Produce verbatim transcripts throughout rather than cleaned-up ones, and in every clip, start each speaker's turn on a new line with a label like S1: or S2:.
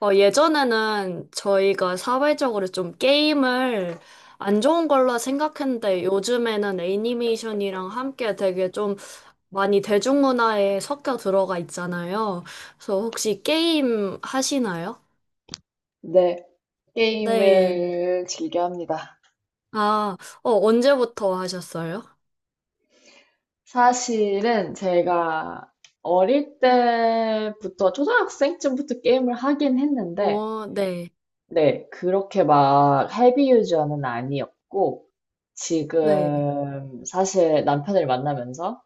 S1: 어, 예전에는 저희가 사회적으로 좀 게임을 안 좋은 걸로 생각했는데 요즘에는 애니메이션이랑 함께 되게 좀 많이 대중문화에 섞여 들어가 있잖아요. 그래서 혹시 게임 하시나요?
S2: 네,
S1: 네.
S2: 게임을 즐겨 합니다.
S1: 아, 어, 언제부터 하셨어요?
S2: 사실은 제가 어릴 때부터, 초등학생쯤부터 게임을 하긴 했는데,
S1: 어, 네.
S2: 네, 그렇게 막 헤비 유저는 아니었고,
S1: 네.
S2: 지금 사실 남편을 만나면서,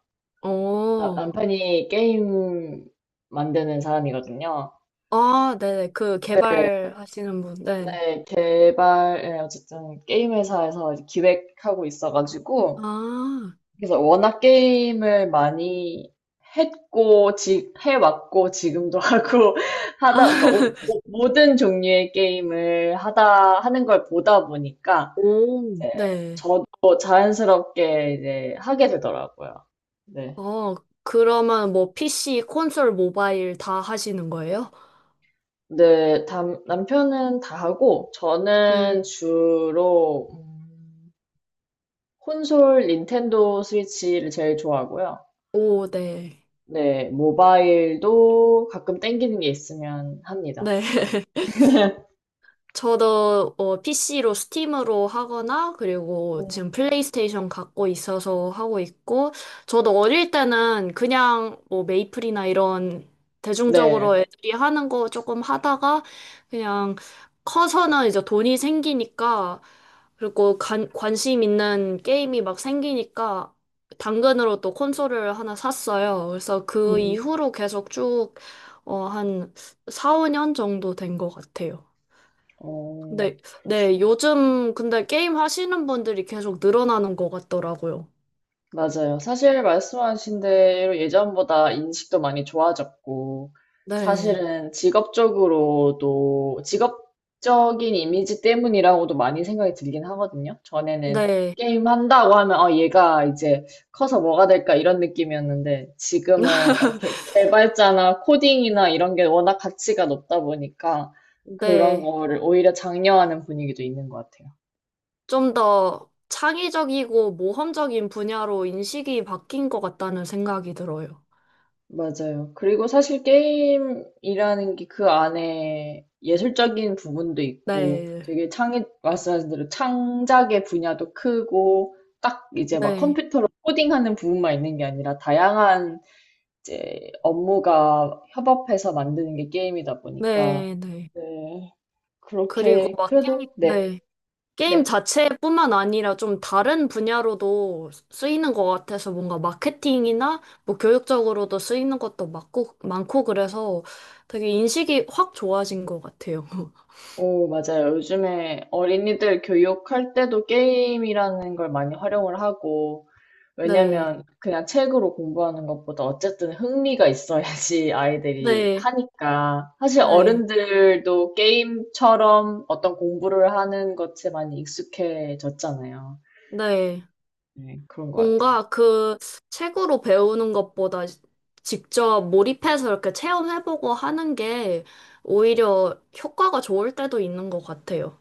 S2: 나-
S1: 어.
S2: 남편이 게임 만드는 사람이거든요.
S1: 아, 네네. 그
S2: 네,
S1: 개발하시는 분. 네.
S2: 네, 개발, 네, 어쨌든 게임 회사에서 기획하고 있어가지고,
S1: 아.
S2: 그래서 워낙 게임을 많이 했고, 지, 해왔고, 지금도 하고, 하다, 그러니까 오- 모- 모든 종류의 게임을 하다, 하는 걸 보다 보니까,
S1: 오.
S2: 이제
S1: 네.
S2: 저도 자연스럽게 이제 하게 되더라고요. 네.
S1: 어, 그러면 뭐 피씨, 콘솔, 모바일 다 하시는 거예요?
S2: 네, 담- 남편은 다 하고,
S1: 음.
S2: 저는 주로, 음, 콘솔 닌텐도 스위치를 제일 좋아하고요.
S1: 오, 네.
S2: 네, 모바일도 가끔 땡기는 게 있으면 합니다.
S1: 네.
S2: 네.
S1: 저도 어, 피씨로 스팀으로 하거나 그리고
S2: 음,
S1: 지금 플레이스테이션 갖고 있어서 하고 있고 저도 어릴 때는 그냥 뭐 메이플이나 이런 대중적으로
S2: 네.
S1: 애들이 하는 거 조금 하다가 그냥 커서는 이제 돈이 생기니까 그리고 관, 관심 있는 게임이 막 생기니까 당근으로 또 콘솔을 하나 샀어요. 그래서 그
S2: 음,
S1: 이후로 계속 쭉 어, 한 사, 오 년 정도 된 것 같아요.
S2: 어,
S1: 네, 네,
S2: 그렇죠.
S1: 요즘 근데 게임 하시는 분들이 계속 늘어나는 것 같더라고요.
S2: 맞아요. 사실 말씀하신 대로 예전보다 인식도 많이 좋아졌고,
S1: 네,
S2: 사실은 직업적으로도, 직업적인 이미지 때문이라고도 많이 생각이 들긴 하거든요. 전에는
S1: 네,
S2: 게임 한다고 하면, 어, 얘가 이제 커서 뭐가 될까 이런 느낌이었는데, 지금은 이렇게 개발자나 코딩이나 이런 게 워낙 가치가 높다 보니까, 그런
S1: 네.
S2: 거를 오히려 장려하는 분위기도 있는 것 같아요.
S1: 좀 더 창의적이고 모험적인 분야로 인식이 바뀐 것 같다는 생각이 들어요.
S2: 맞아요. 그리고 사실 게임이라는 게 그 안에 예술적인 부분도 있고
S1: 네,
S2: 되게 창의, 말씀하신 대로 창작의 분야도 크고 딱 이제 막
S1: 네,
S2: 컴퓨터로 코딩하는 부분만 있는 게 아니라 다양한 이제 업무가 협업해서 만드는 게 게임이다 보니까
S1: 네, 네.
S2: 네,
S1: 그리고
S2: 그렇게
S1: 막, 게임-
S2: 그래도 네,
S1: 네. 게임
S2: 네.
S1: 자체뿐만 아니라 좀 다른 분야로도 쓰이는 것 같아서 뭔가 마케팅이나 뭐 교육적으로도 쓰이는 것도 많고, 많고 그래서 되게 인식이 확 좋아진 것 같아요.
S2: 오, 맞아요. 요즘에 어린이들 교육할 때도 게임이라는 걸 많이 활용을 하고
S1: 네,
S2: 왜냐면 그냥 책으로 공부하는 것보다 어쨌든 흥미가 있어야지 아이들이
S1: 네,
S2: 하니까. 사실
S1: 네,
S2: 어른들도 게임처럼 어떤 공부를 하는 것에 많이 익숙해졌잖아요.
S1: 네.
S2: 네, 그런 것 같아요.
S1: 뭔가 그 책으로 배우는 것보다 직접 몰입해서 이렇게 체험해보고 하는 게 오히려 효과가 좋을 때도 있는 것 같아요.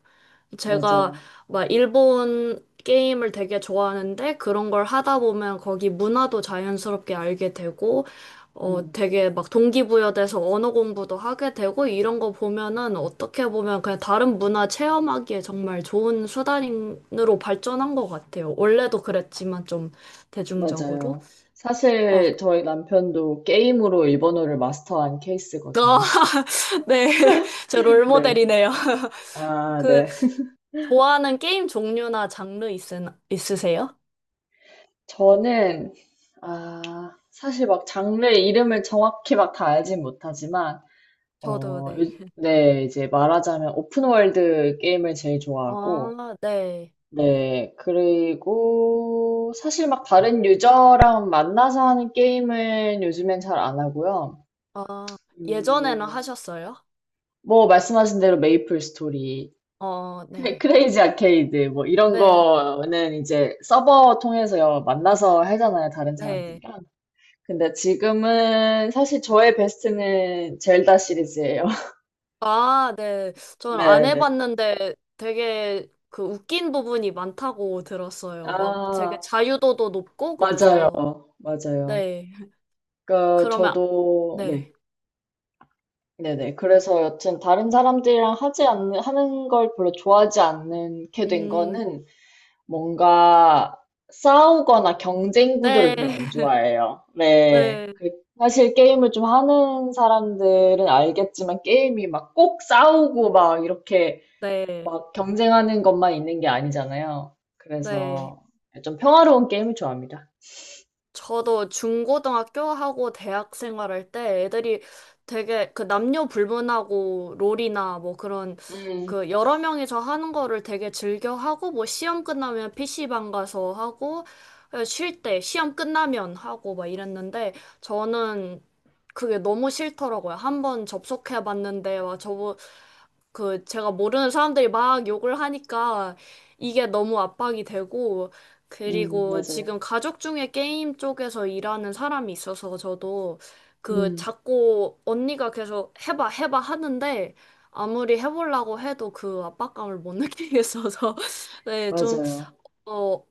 S1: 제가
S2: 맞아요.
S1: 막 일본 게임을 되게 좋아하는데 그런 걸 하다 보면 거기 문화도 자연스럽게 알게 되고 어
S2: 음,
S1: 되게 막 동기부여돼서 언어 공부도 하게 되고 이런 거 보면은 어떻게 보면 그냥 다른 문화 체험하기에 정말 좋은 수단으로 발전한 것 같아요. 원래도 그랬지만 좀 대중적으로.
S2: 맞아요.
S1: 어,
S2: 사실 저희 남편도 게임으로 일본어를 마스터한 케이스거든요.
S1: 아, 네. 제
S2: 네.
S1: 롤모델이네요.
S2: 아,
S1: 그
S2: 네.
S1: 좋아하는 게임 종류나 장르 있으, 있으세요?
S2: 저는, 아, 사실 막 장르 이름을 정확히 막 다 알진 못하지만,
S1: 저도
S2: 어,
S1: 네.
S2: 요- 네, 이제 말하자면 오픈월드 게임을 제일 좋아하고,
S1: 아, 네.
S2: 네, 그리고 사실 막 다른 유저랑 만나서 하는 게임은 요즘엔 잘 안 하고요.
S1: 아, 예전에는
S2: 음,
S1: 하셨어요?
S2: 뭐 말씀하신 대로 메이플 스토리,
S1: 어,
S2: 크레-
S1: 네.
S2: 크레이지 아케이드, 뭐 이런
S1: 네,
S2: 거는 이제 서버 통해서 만나서 하잖아요, 다른
S1: 네.
S2: 사람들이랑. 근데 지금은 사실 저의 베스트는 젤다 시리즈예요.
S1: 아, 네. 전 안
S2: 네, 네.
S1: 해봤는데 되게 그 웃긴 부분이 많다고 들었어요. 막 되게
S2: 아,
S1: 자유도도 높고
S2: 맞아요.
S1: 그래서,
S2: 맞아요.
S1: 네.
S2: 그러니까
S1: 그러면,
S2: 저도 네.
S1: 네.
S2: 네네. 그래서 여튼 다른 사람들이랑 하지 않는 하는 걸 별로 좋아하지 않게 된
S1: 음,
S2: 거는 뭔가 싸우거나 경쟁
S1: 네.
S2: 구도를 별로 안 좋아해요. 네.
S1: 네,
S2: 그- 사실 게임을 좀 하는 사람들은 알겠지만 게임이 막 꼭 싸우고 막 이렇게
S1: 네,
S2: 막 경쟁하는 것만 있는 게 아니잖아요.
S1: 네.
S2: 그래서 좀 평화로운 게임을 좋아합니다.
S1: 저도 중고등학교 하고 대학 생활할 때 애들이 되게 그 남녀 불문하고 롤이나 뭐 그런
S2: 음,
S1: 그 여러 명이서 하는 거를 되게 즐겨 하고 뭐 시험 끝나면 피씨방 가서 하고 쉴 때 시험 끝나면 하고 막 이랬는데 저는 그게 너무 싫더라고요. 한 번 접속해 봤는데 와 저거 그 제가 모르는 사람들이 막 욕을 하니까 이게 너무 압박이 되고
S2: 음,
S1: 그리고
S2: 맞아요.
S1: 지금 가족 중에 게임 쪽에서 일하는 사람이 있어서 저도 그
S2: 음.
S1: 자꾸 언니가 계속 해봐 해봐 하는데 아무리 해보려고 해도 그 압박감을 못 느끼겠어서 네, 좀,
S2: 맞아요.
S1: 어,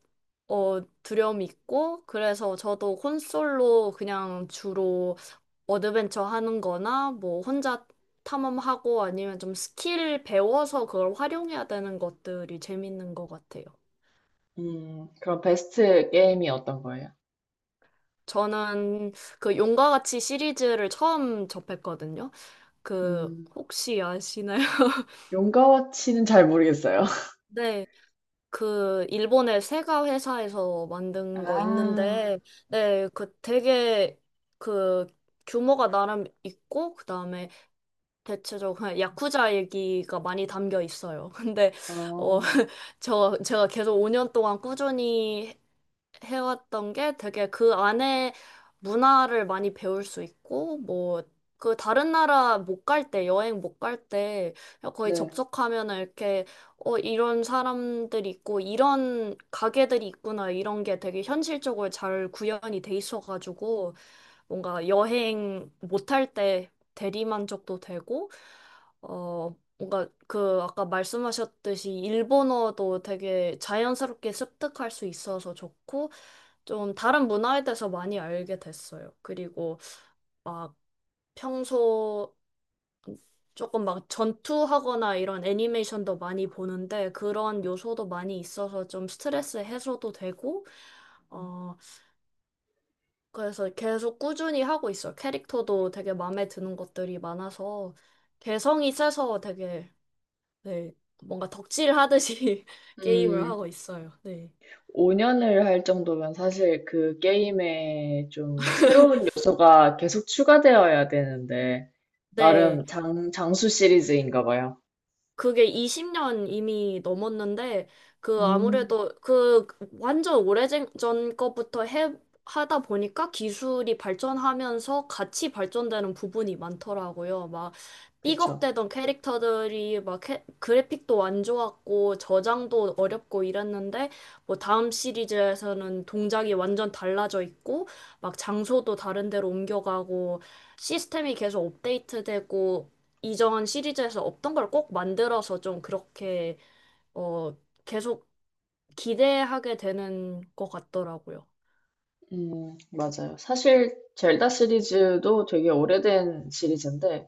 S1: 어, 두려움이 있고 그래서 저도 콘솔로 그냥 주로 어드벤처 하는 거나 뭐 혼자 탐험하고 아니면 좀 스킬 배워서 그걸 활용해야 되는 것들이 재밌는 것 같아요.
S2: 음, 그럼 베스트 게임이 어떤 거예요?
S1: 저는 그 용과 같이 시리즈를 처음 접했거든요. 그
S2: 음,
S1: 혹시 아시나요?
S2: 용가와치는 잘 모르겠어요.
S1: 네, 그 일본의 세가 회사에서 만든 거
S2: 아,
S1: 있는데, 네, 그 되게 그 규모가 나름 있고, 그 다음에 대체적으로 그냥 야쿠자 얘기가 많이 담겨 있어요. 근데 어,
S2: 어,
S1: 저 제가 계속 오 년 동안 꾸준히 해왔던 게 되게 그 안에 문화를 많이 배울 수 있고, 뭐, 그 다른 나라 못 갈 때, 여행 못 갈 때, 거의
S2: 네.
S1: 접속하면은 이렇게, 어, 이런 사람들이 있고, 이런 가게들이 있구나, 이런 게 되게 현실적으로 잘 구현이 돼 있어가지고, 뭔가 여행 못할 때 대리만족도 되고, 어, 뭔가 그 아까 말씀하셨듯이 일본어도 되게 자연스럽게 습득할 수 있어서 좋고 좀 다른 문화에 대해서 많이 알게 됐어요. 그리고 막 평소 조금 막 전투하거나 이런 애니메이션도 많이 보는데 그런 요소도 많이 있어서 좀 스트레스 해소도 되고 어 그래서 계속 꾸준히 하고 있어요. 캐릭터도 되게 마음에 드는 것들이 많아서 개성이 세서 되게 네, 뭔가 덕질 하듯이 게임을
S2: 음,
S1: 하고 있어요. 네.
S2: 오 년을 할 정도면 사실 그 게임에 좀 새로운 요소가 계속 추가되어야 되는데,
S1: 네.
S2: 나름 장, 장수 시리즈인가 봐요.
S1: 그게 이십 년 이미 넘었는데, 그
S2: 음,
S1: 아무래도 그 완전 오래전 것부터 해, 하다 보니까 기술이 발전하면서 같이 발전되는 부분이 많더라고요. 막
S2: 그쵸.
S1: 삐걱대던 캐릭터들이 막 캐- 그래픽도 안 좋았고 저장도 어렵고 이랬는데, 뭐 다음 시리즈에서는 동작이 완전 달라져 있고, 막 장소도 다른 데로 옮겨가고, 시스템이 계속 업데이트되고, 이전 시리즈에서 없던 걸 꼭 만들어서 좀 그렇게 어 계속 기대하게 되는 것 같더라고요.
S2: 음, 맞아요. 사실 젤다 시리즈도 되게 오래된 시리즈인데,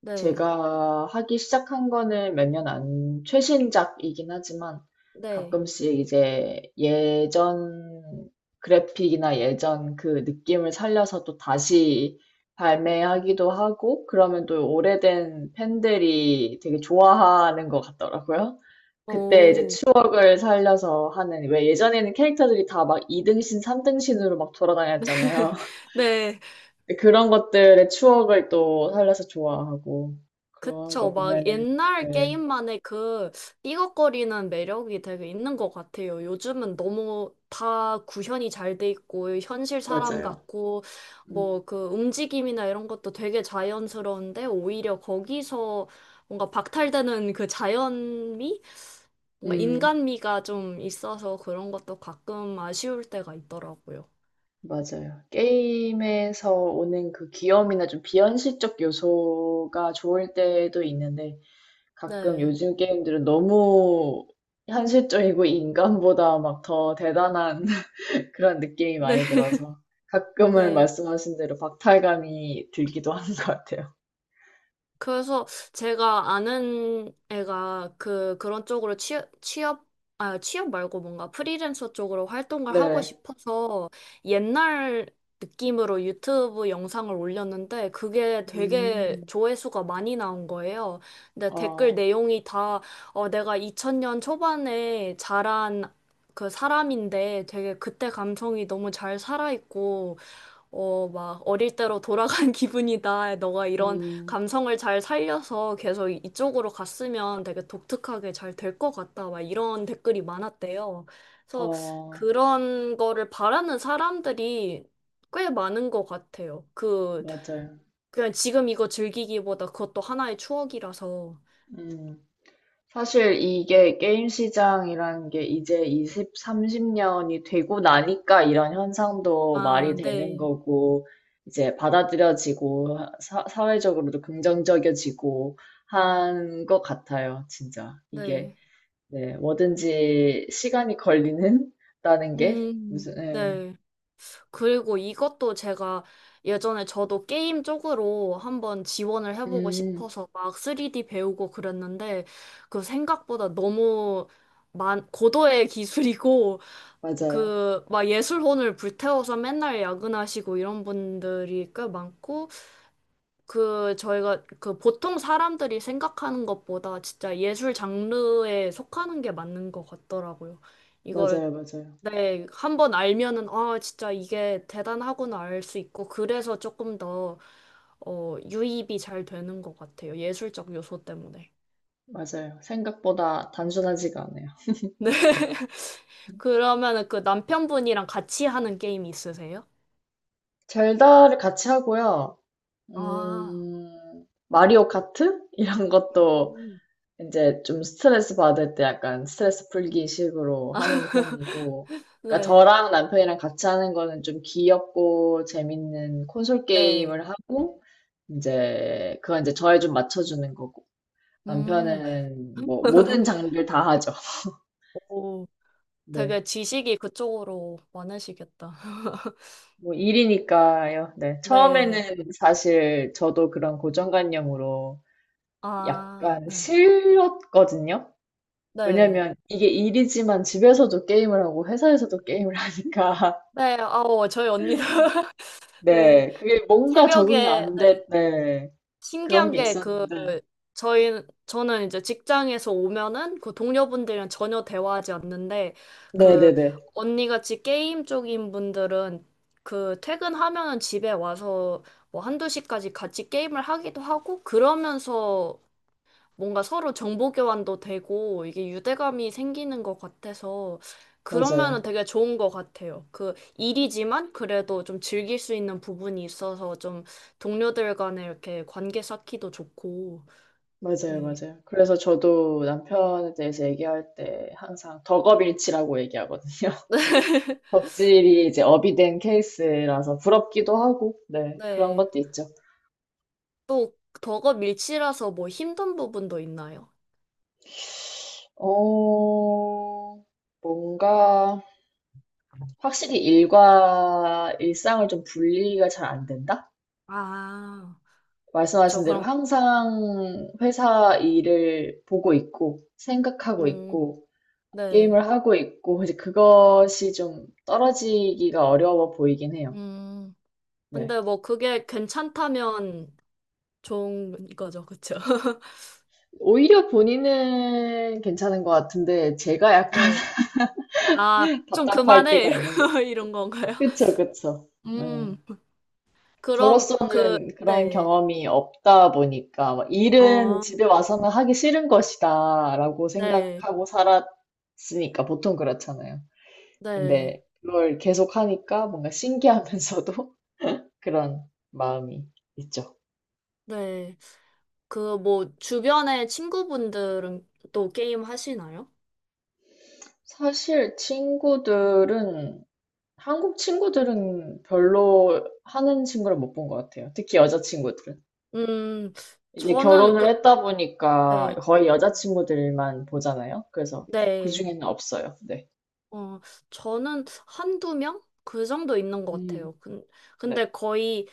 S1: 네.
S2: 제가 하기 시작한 거는 몇 년 안, 최신작이긴 하지만
S1: 네.
S2: 가끔씩 이제 예전 그래픽이나 예전 그 느낌을 살려서 또 다시 발매하기도 하고 그러면 또 오래된 팬들이 되게 좋아하는 것 같더라고요. 그때 이제
S1: 오.
S2: 추억을 살려서 하는, 왜 예전에는 캐릭터들이 다 막 이 등신, 삼 등신으로 막 돌아다녔잖아요.
S1: 네.
S2: 네, 그런 것들의 추억을 또 살려서 좋아하고 그런
S1: 그쵸.
S2: 거
S1: 막
S2: 보면은
S1: 옛날
S2: 네
S1: 게임만의 그 삐걱거리는 매력이 되게 있는 것 같아요. 요즘은 너무 다 구현이 잘 돼 있고, 현실 사람
S2: 맞아요.
S1: 같고, 뭐
S2: 음,
S1: 그 움직임이나 이런 것도 되게 자연스러운데, 오히려 거기서 뭔가 박탈되는 그 자연미? 뭔가
S2: 음
S1: 인간미가 좀 있어서 그런 것도 가끔 아쉬울 때가 있더라고요.
S2: 맞아요. 게임에서 오는 그 귀염이나 좀 비현실적 요소가 좋을 때도 있는데 가끔
S1: 네.
S2: 요즘 게임들은 너무 현실적이고 인간보다 막 더 대단한 그런 느낌이
S1: 네.
S2: 많이 들어서 가끔은
S1: 네.
S2: 말씀하신 대로 박탈감이 들기도 하는 것 같아요.
S1: 그래서 제가 아는 애가 그 그런 쪽으로 취업 취업 아 취업 말고 뭔가 프리랜서 쪽으로 활동을 하고
S2: 네.
S1: 싶어서 옛날 느낌으로 유튜브 영상을 올렸는데 그게 되게
S2: 음,
S1: 조회수가 많이 나온 거예요. 근데 댓글
S2: 어,
S1: 내용이 다 어, 내가 이천 년 초반에 자란 그 사람인데 되게 그때 감성이 너무 잘 살아있고 어, 막 어릴 때로 돌아간 기분이다. 너가 이런
S2: 음.
S1: 감성을 잘 살려서 계속 이쪽으로 갔으면 되게 독특하게 잘 될 것 같다. 막 이런 댓글이 많았대요. 그래서
S2: 어,
S1: 그런 거를 바라는 사람들이 꽤 많은 것 같아요. 그,
S2: 맞아요.
S1: 그냥 지금 이거 즐기기보다 그것도 하나의 추억이라서.
S2: 음. 사실 이게 게임 시장이라는 게 이제 이십, 삼십 년이 되고 나니까 이런 현상도 말이
S1: 아,
S2: 되는
S1: 네.
S2: 거고, 이제 받아들여지고, 사, 사회적으로도 긍정적이어지고 한 것 같아요, 진짜. 이게,
S1: 네.
S2: 네, 뭐든지 시간이 걸리는? 다는 게
S1: 음,
S2: 무슨, 예.
S1: 네. 그리고 이것도 제가 예전에 저도 게임 쪽으로 한번 지원을 해보고
S2: 음,
S1: 싶어서 막 쓰리디 배우고 그랬는데 그 생각보다 너무 만, 고도의 기술이고
S2: 맞아요.
S1: 그 막 예술혼을 불태워서 맨날 야근하시고 이런 분들이 꽤 많고 그 저희가 그 보통 사람들이 생각하는 것보다 진짜 예술 장르에 속하는 게 맞는 것 같더라고요. 이걸
S2: 맞아요, 맞아요.
S1: 네, 한번 알면은, 아, 진짜 이게 대단하구나 알 수 있고, 그래서 조금 더, 어, 유입이 잘 되는 것 같아요. 예술적 요소 때문에.
S2: 맞아요. 생각보다 단순하지가 않아요.
S1: 네. 그러면은 그 남편분이랑 같이 하는 게임 있으세요?
S2: 젤다를 같이 하고요.
S1: 아,
S2: 음, 마리오 카트? 이런 것도
S1: 음.
S2: 이제 좀 스트레스 받을 때 약간 스트레스 풀기 식으로 하는 편이고. 그러니까
S1: 네,
S2: 저랑 남편이랑 같이 하는 거는 좀 귀엽고 재밌는 콘솔
S1: 네.
S2: 게임을 하고, 이제 그건 이제 저에 좀 맞춰주는 거고.
S1: 음,
S2: 남편은 뭐 모든 장르를 다 하죠.
S1: 오,
S2: 네.
S1: 되게 지식이 그쪽으로 많으시겠다.
S2: 뭐 일이니까요. 네.
S1: 네.
S2: 처음에는 사실 저도 그런 고정관념으로
S1: 아,
S2: 약간
S1: 네.
S2: 싫었거든요.
S1: 네.
S2: 왜냐면 이게 일이지만 집에서도 게임을 하고 회사에서도 게임을 하니까
S1: 네, 아우, 저희 언니도. 네.
S2: 네 그게 뭔가 적응이
S1: 새벽에
S2: 안
S1: 네.
S2: 됐네 그런
S1: 신기한
S2: 게
S1: 게 그
S2: 있었는데
S1: 저희 저는 이제 직장에서 오면은 그 동료분들이랑 전혀 대화하지 않는데 그
S2: 네네네
S1: 언니같이 게임 쪽인 분들은 그 퇴근하면은 집에 와서 뭐 한두 시까지 같이 게임을 하기도 하고 그러면서 뭔가 서로 정보 교환도 되고 이게 유대감이 생기는 것 같아서 그러면은
S2: 맞아요.
S1: 되게 좋은 것 같아요. 그 일이지만 그래도 좀 즐길 수 있는 부분이 있어서 좀 동료들 간에 이렇게 관계 쌓기도 좋고.
S2: 맞아요,
S1: 네.
S2: 맞아요. 그래서 저도 남편에 대해서 얘기할 때 항상 덕업일치라고 얘기하거든요. 덕질이 이제 업이 된 케이스라서 부럽기도 하고, 네, 그런
S1: 네.
S2: 것도 있죠.
S1: 또 더거 밀치라서 뭐 힘든 부분도 있나요?
S2: 어, 뭔가 확실히 일과 일상을 좀 분리가 잘 안 된다?
S1: 아, 저
S2: 말씀하신 대로
S1: 그럼
S2: 항상 회사 일을 보고 있고, 생각하고
S1: 음,
S2: 있고,
S1: 네.
S2: 게임을 하고 있고, 이제 그것이 좀 떨어지기가 어려워 보이긴 해요.
S1: 음.
S2: 네.
S1: 근데 뭐 그게 괜찮다면 좋은 거죠. 그쵸?
S2: 오히려 본인은 괜찮은 것 같은데, 제가 약간
S1: 네. 아, 좀
S2: 답답할
S1: 그만해.
S2: 때가 있는 것
S1: 이런
S2: 같고.
S1: 건가요?
S2: 그쵸, 그쵸. 네.
S1: 음, 그럼, 그,
S2: 저로서는 그런
S1: 네.
S2: 경험이 없다 보니까 막 일은
S1: 어,
S2: 집에 와서는 하기 싫은 것이다라고
S1: 네.
S2: 생각하고 살았으니까 보통 그렇잖아요.
S1: 네.
S2: 근데 그걸 계속 하니까 뭔가 신기하면서도 그런 마음이 있죠.
S1: 네. 그, 뭐, 주변의 친구분들은 또 게임 하시나요?
S2: 사실 친구들은 한국 친구들은 별로 하는 친구를 못 본 것 같아요. 특히 여자 친구들은.
S1: 음,
S2: 이제
S1: 저는,
S2: 결혼을
S1: 그,
S2: 했다 보니까
S1: 네.
S2: 거의 여자 친구들만 보잖아요. 그래서
S1: 네.
S2: 그중에는 없어요. 네.
S1: 어, 저는 한두 명? 그 정도 있는 것
S2: 음.
S1: 같아요. 근,
S2: 네,
S1: 근데 거의,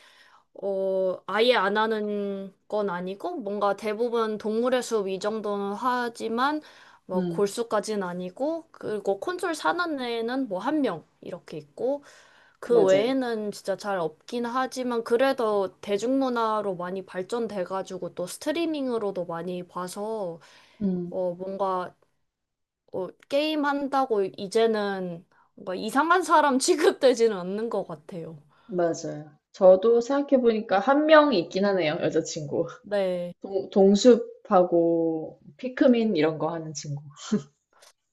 S1: 어, 아예 안 하는 건 아니고, 뭔가 대부분 동물의 숲 이 정도는 하지만, 뭐,
S2: 음.
S1: 골수까지는 아니고, 그리고 콘솔 사는 애는 뭐, 한 명, 이렇게 있고, 그
S2: 맞아요.
S1: 외에는 진짜 잘 없긴 하지만, 그래도 대중문화로 많이 발전돼가지고, 또 스트리밍으로도 많이 봐서,
S2: 음.
S1: 어, 뭔가 어, 게임 한다고 이제는 뭔가 이상한 사람 취급되지는 않는 것 같아요.
S2: 맞아요. 저도 생각해보니까 한 명이 있긴 하네요, 여자친구.
S1: 네.
S2: 동, 동숲하고 피크민 이런 거 하는 친구.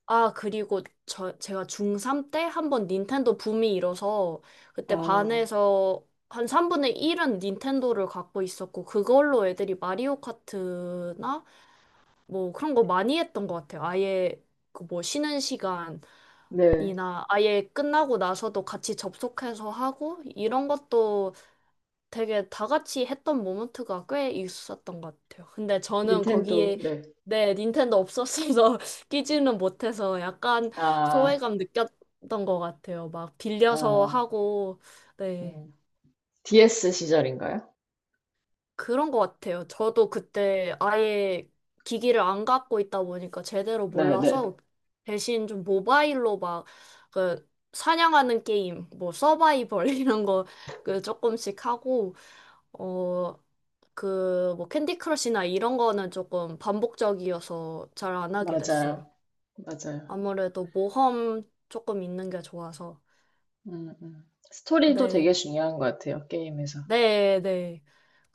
S1: 아, 그리고 저, 제가 중삼 때 한 번 닌텐도 붐이 일어서 그때
S2: 아,
S1: 반에서 한 삼분의 일은 닌텐도를 갖고 있었고 그걸로 애들이 마리오 카트나 뭐 그런 거 많이 했던 것 같아요. 아예 그 뭐 쉬는 시간이나
S2: 네,
S1: 아예 끝나고 나서도 같이 접속해서 하고 이런 것도 되게 다 같이 했던 모먼트가 꽤 있었던 것 같아요. 근데 저는
S2: 닌텐도,
S1: 거기에
S2: 네.
S1: 네, 닌텐도 없었어서 끼지는 못해서 약간
S2: 아,
S1: 소외감 느꼈던 것 같아요. 막 빌려서
S2: 아,
S1: 하고, 네,
S2: 음. 디에스 시절인가요?
S1: 그런 것 같아요. 저도 그때 아예 기기를 안 갖고 있다 보니까 제대로
S2: 네, 네.
S1: 몰라서 대신 좀 모바일로 막 그 사냥하는 게임, 뭐 서바이벌 이런 거 그 조금씩 하고, 어, 그, 뭐, 캔디 크러쉬나 이런 거는 조금 반복적이어서 잘 안 하게 됐어요.
S2: 맞아요. 맞아요.
S1: 아무래도 모험 조금 있는 게 좋아서.
S2: 음, 음. 스토리도
S1: 네,
S2: 되게 중요한 것 같아요, 게임에서.
S1: 네, 네.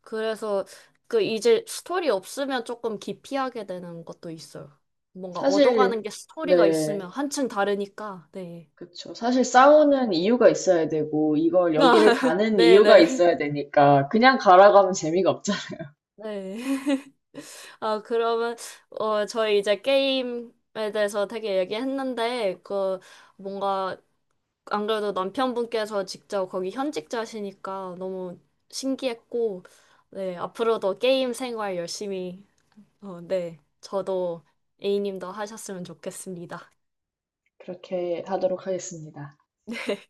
S1: 그래서 그 이제 스토리 없으면 조금 기피하게 되는 것도 있어요. 뭔가
S2: 사실,
S1: 얻어가는 게 스토리가
S2: 네.
S1: 있으면 한층 다르니까, 네.
S2: 그쵸. 사실 싸우는 이유가 있어야 되고, 이걸 여기를 가는
S1: 네,
S2: 이유가
S1: 네, 네.
S2: 있어야 되니까, 그냥 가라고 하면 재미가 없잖아.
S1: 네. 아, 그러면, 어, 저희 이제 게임에 대해서 되게 얘기했는데, 그, 뭔가 안 그래도 남편분께서 직접 거기 현직자시니까 너무 신기했고, 네, 앞으로도 게임 생활 열심히, 어, 네, 저도 A님도 하셨으면 좋겠습니다.
S2: 그렇게 하도록 하겠습니다.